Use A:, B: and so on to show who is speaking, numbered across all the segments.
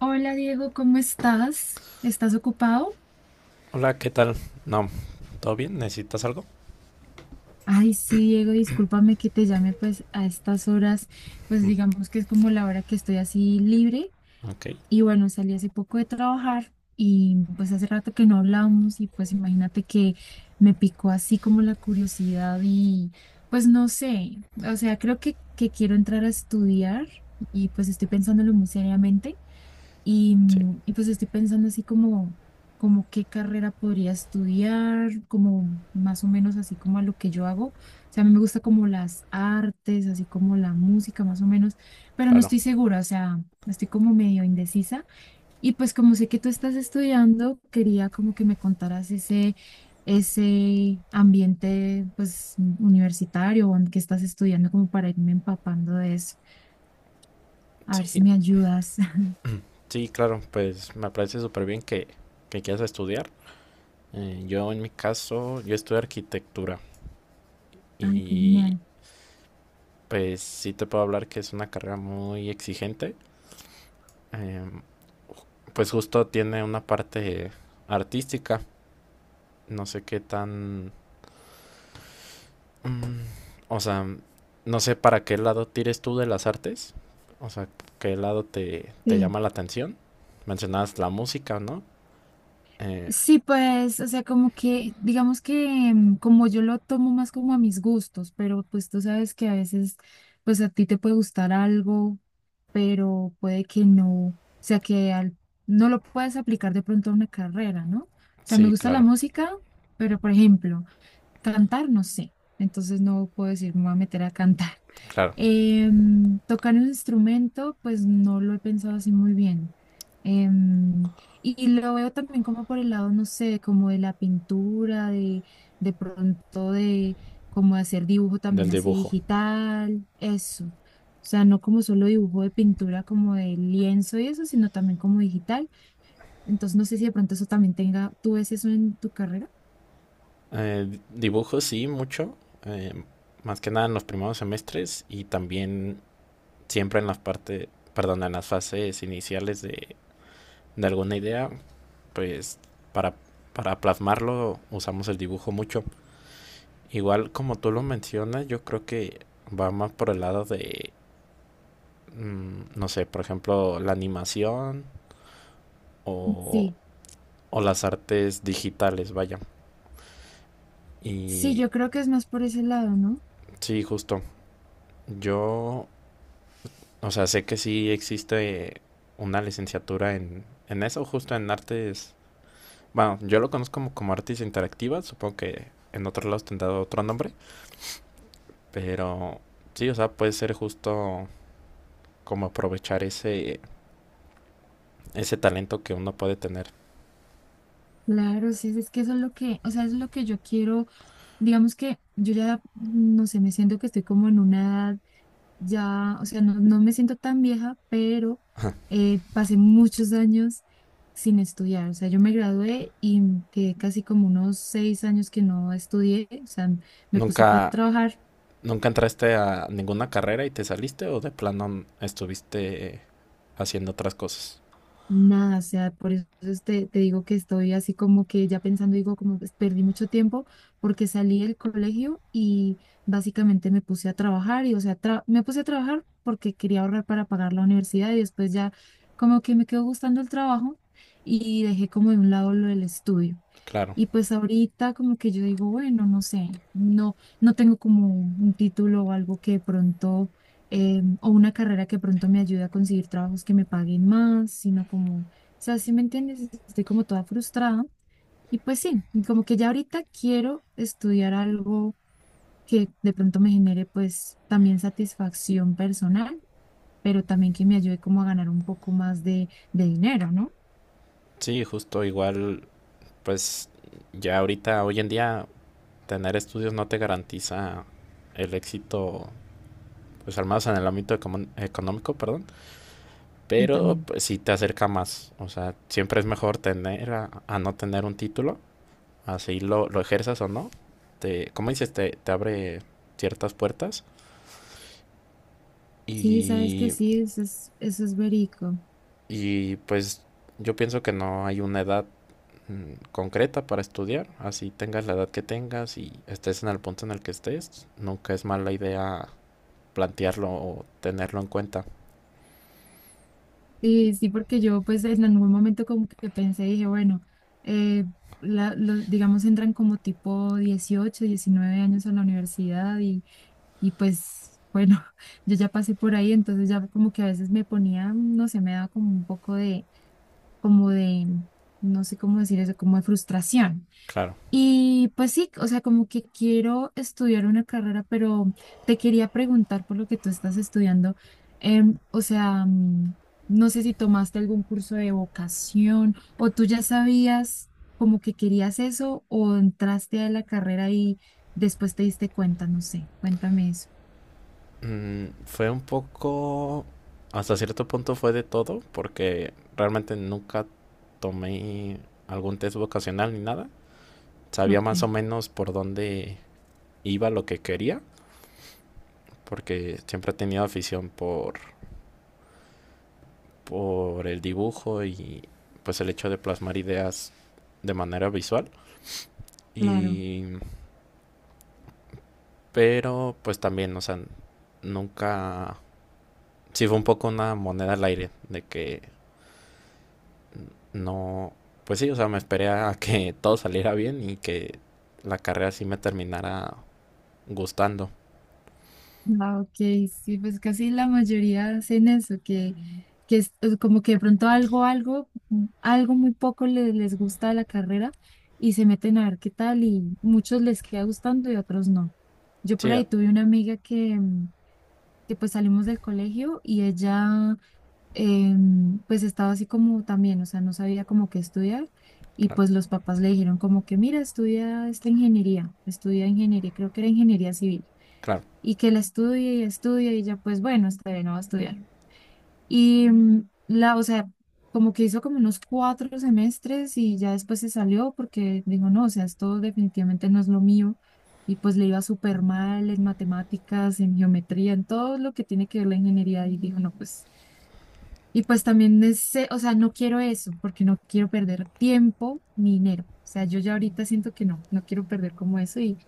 A: Hola Diego, ¿cómo estás? ¿Estás ocupado?
B: Hola, ¿qué tal? No, ¿todo bien? ¿Necesitas algo?
A: Ay, sí, Diego, discúlpame que te llame pues a estas horas, pues digamos que es como la hora que estoy así libre
B: Ok,
A: y bueno, salí hace poco de trabajar y pues hace rato que no hablamos y pues imagínate que me picó así como la curiosidad y pues no sé, o sea, creo que quiero entrar a estudiar y pues estoy pensándolo muy seriamente.
B: sí,
A: Y pues estoy pensando así como, como qué carrera podría estudiar, como más o menos así como a lo que yo hago. O sea, a mí me gusta como las artes, así como la música más o menos, pero no
B: claro.
A: estoy segura, o sea, estoy como medio indecisa. Y pues como sé que tú estás estudiando, quería como que me contaras ese ambiente pues universitario o en que estás estudiando como para irme empapando de eso. A ver si
B: Sí,
A: me ayudas.
B: sí, claro, pues me parece súper bien que quieras estudiar. Yo en mi caso, yo estudio arquitectura
A: Ay, qué
B: y
A: genial.
B: pues sí te puedo hablar que es una carrera muy exigente. Eh, pues justo tiene una parte artística, no sé qué tan... mm, o sea, no sé para qué lado tires tú de las artes, o sea, qué lado te
A: Sí.
B: llama la atención. Mencionabas la música, ¿no? Eh,
A: Sí, pues, o sea, como que, digamos que como yo lo tomo más como a mis gustos, pero pues tú sabes que a veces, pues a ti te puede gustar algo, pero puede que no, o sea, no lo puedes aplicar de pronto a una carrera, ¿no? O sea, me
B: sí,
A: gusta la
B: claro,
A: música, pero por ejemplo, cantar, no sé. Entonces no puedo decir, me voy a meter a cantar.
B: claro,
A: Tocar un instrumento, pues no lo he pensado así muy bien. Em, y lo veo también como por el lado, no sé, como de la pintura, de pronto de como de hacer dibujo
B: del
A: también así
B: dibujo.
A: digital, eso. O sea, no como solo dibujo de pintura, como de lienzo y eso, sino también como digital. Entonces no sé si de pronto eso también tenga, ¿tú ves eso en tu carrera?
B: Dibujo sí, mucho, eh, más que nada en los primeros semestres y también siempre en las partes, perdón, en las fases iniciales de alguna idea, pues para, para plasmarlo usamos el dibujo mucho. Igual como tú lo mencionas, yo creo que va más por el lado de, no sé, por ejemplo, la animación o,
A: Sí.
B: o las artes digitales, vaya.
A: Sí,
B: Y
A: yo creo que es más por ese lado, ¿no?
B: sí, justo. Yo, o sea, sé que sí existe una licenciatura en eso, justo en artes. Bueno, yo lo conozco como, como artes interactivas, supongo que en otros lados tendrá otro nombre, pero sí, o sea, puede ser justo como aprovechar ese talento que uno puede tener.
A: Claro, sí, es que eso es lo que, o sea, es lo que yo quiero, digamos que yo ya, no sé, me siento que estoy como en una edad ya, o sea, no, no me siento tan vieja, pero pasé muchos años sin estudiar, o sea, yo me gradué y quedé casi como unos 6 años que no estudié, o sea, me puse fue a
B: ¿Nunca,
A: trabajar.
B: nunca entraste a ninguna carrera y te saliste o de plano estuviste haciendo otras cosas?
A: Nada, o sea, por eso es te digo que estoy así como que ya pensando, digo, como pues, perdí mucho tiempo porque salí del colegio y básicamente me puse a trabajar y, o sea, me puse a trabajar porque quería ahorrar para pagar la universidad y después ya como que me quedó gustando el trabajo y dejé como de un lado lo del estudio.
B: Claro,
A: Y pues ahorita como que yo digo, bueno, no sé, no tengo como un título o algo que de pronto, o una carrera que de pronto me ayude a conseguir trabajos que me paguen más, sino como, o sea, si me entiendes, estoy como toda frustrada. Y pues sí, y como que ya ahorita quiero estudiar algo que de pronto me genere pues también satisfacción personal, pero también que me ayude como a ganar un poco más de dinero, ¿no?
B: sí, justo igual, pues ya ahorita, hoy en día, tener estudios no te garantiza el éxito, pues al menos en el ámbito econom- económico, perdón,
A: Y
B: pero
A: también.
B: pues sí te acerca más, o sea, siempre es mejor tener a no tener un título, así lo ejerzas o no, como dices, te abre ciertas puertas
A: Sí, sabes que
B: y
A: sí, eso es verico.
B: Y pues yo pienso que no hay una edad concreta para estudiar, así tengas la edad que tengas y estés en el punto en el que estés, nunca es mala idea plantearlo o tenerlo en cuenta.
A: Sí, sí, porque yo pues en algún momento como que pensé, dije, bueno, eh, digamos entran como tipo 18, 19 años a la universidad y pues bueno, yo ya pasé por ahí, entonces ya como que a veces me ponía, no sé, me daba como un poco de no sé cómo decir eso, como de frustración
B: Claro.
A: y pues sí, o sea, como que quiero estudiar una carrera, pero te quería preguntar por lo que tú estás estudiando. em, o sea, mm, no sé si tomaste algún curso de vocación o tú ya sabías como que querías eso o entraste a la carrera y después te diste cuenta, no sé, cuéntame eso.
B: Fue un poco, hasta cierto punto fue de todo, porque realmente nunca tomé algún test vocacional ni nada. Sabía
A: Ok,
B: más o menos por dónde iba lo que quería, porque siempre he tenido afición por el dibujo y pues el hecho de plasmar ideas de manera visual.
A: claro.
B: Y pero pues también, o sea, nunca sí fue un poco una moneda al aire de que no, pues sí, o sea, me esperé a que todo saliera bien y que la carrera sí me terminara gustando.
A: Ah, ok, sí, pues casi la mayoría hacen eso, que es como que de pronto algo muy poco les gusta de la carrera y se meten a ver qué tal y muchos les queda gustando y otros no. Yo por
B: Sí, ah,
A: ahí tuve una amiga que pues salimos del colegio y ella pues estaba así como también, o sea, no sabía como qué estudiar y
B: claro,
A: pues los papás le dijeron como que mira, estudia esta ingeniería, estudia ingeniería, creo que era ingeniería civil
B: claro,
A: y que él estudie y estudie y ya pues bueno, está bien, no va a estudiar. Y o sea, como que hizo como unos 4 semestres y ya después se salió porque dijo, no, o sea, esto definitivamente no es lo mío. Y pues le iba súper mal en matemáticas, en geometría, en todo lo que tiene que ver la ingeniería. Y dijo, no, pues, y pues también, ese, o sea, no quiero eso porque no quiero perder tiempo ni dinero. O sea, yo ya ahorita siento que no, no quiero perder como eso y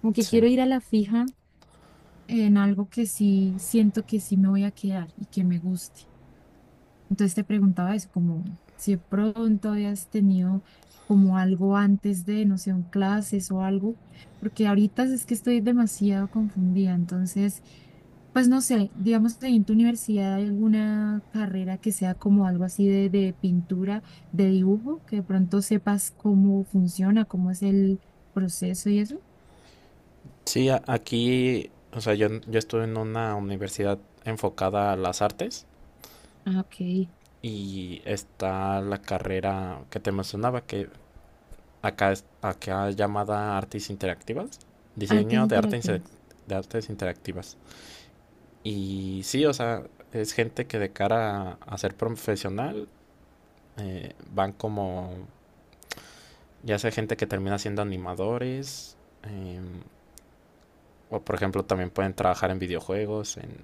A: como que
B: sí.
A: quiero ir a la fija en algo que sí siento que sí me voy a quedar y que me guste. Entonces te preguntaba eso, como si de pronto habías tenido como algo antes de, no sé, un clases o algo, porque ahorita es que estoy demasiado confundida. Entonces, pues no sé, digamos que en tu universidad hay alguna carrera que sea como algo así de pintura, de dibujo, que de pronto sepas cómo funciona, cómo es el proceso y eso.
B: Sí, aquí, o sea, yo estuve en una universidad enfocada a las artes,
A: Ah, ok.
B: y está la carrera que te mencionaba, que acá es llamada Artes Interactivas,
A: Artes
B: diseño de arte inse-
A: interactivas.
B: de artes interactivas. Y sí, o sea, es gente que de cara a ser profesional, van como, ya sea gente que termina siendo animadores, em, o por ejemplo también pueden trabajar en videojuegos, en,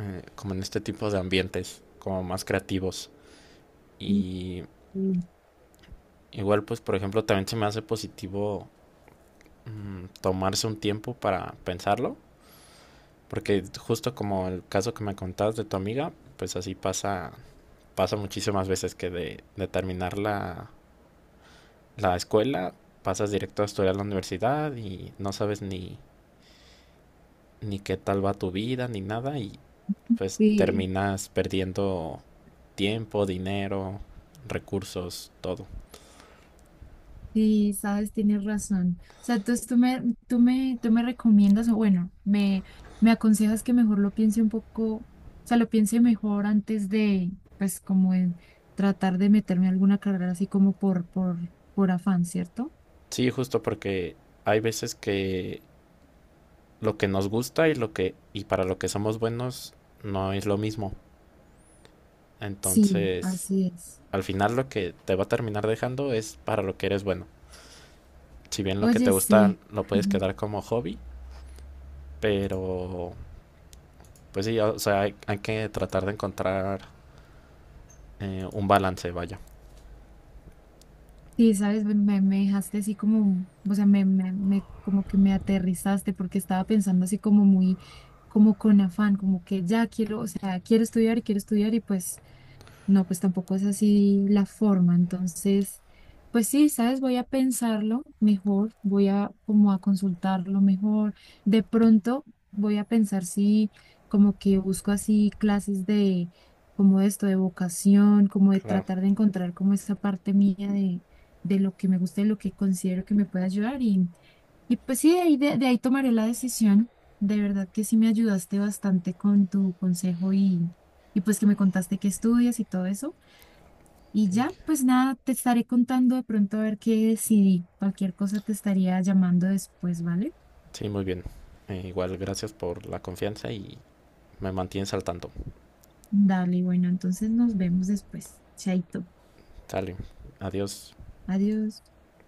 B: eh, como en este tipo de ambientes, como más creativos. Y
A: Mm.
B: igual pues por ejemplo también se me hace positivo, tomarse un tiempo para pensarlo, porque justo como el caso que me contabas de tu amiga, pues así pasa, pasa muchísimas veces que de terminar la escuela, pasas directo a estudiar a la universidad y no sabes ni qué tal va tu vida ni nada y pues
A: Sí,
B: terminas perdiendo tiempo, dinero, recursos, todo.
A: sí, sabes, tienes razón. O sea, entonces tú me recomiendas, o bueno, me aconsejas que mejor lo piense un poco, o sea, lo piense mejor antes de, pues, como en tratar de meterme a alguna carrera así como por afán, ¿cierto?
B: Sí, justo porque hay veces que lo que nos gusta y lo que y para lo que somos buenos no es lo mismo.
A: Sí,
B: Entonces,
A: así es.
B: al final lo que te va a terminar dejando es para lo que eres bueno. Si bien lo que te
A: Oye,
B: gusta
A: sí.
B: lo puedes quedar como hobby, pero pues sí, o sea, hay que tratar de encontrar un balance, vaya.
A: Sí, sabes, me dejaste así como, o sea, como que me aterrizaste porque estaba pensando así como muy, como con afán, como que ya quiero, o sea, quiero estudiar y pues no, pues tampoco es así la forma. Entonces, pues sí, sabes, voy a pensarlo mejor, voy a como a consultarlo mejor. De pronto voy a pensar si como que busco así clases de como esto, de vocación, como de
B: Claro.
A: tratar de encontrar como esa parte mía de lo que me gusta y lo que considero que me puede ayudar. Y pues sí, de ahí, de ahí tomaré la decisión. De verdad que sí me ayudaste bastante con tu consejo y pues que me contaste que estudias y todo eso. Y ya, pues nada, te estaré contando de pronto a ver qué decidí. Cualquier cosa te estaría llamando después, ¿vale?
B: Sí, muy bien. Igual, gracias por la confianza y me mantienes al tanto.
A: Dale, bueno, entonces nos vemos después. Chaito.
B: Dale, adiós.
A: Adiós.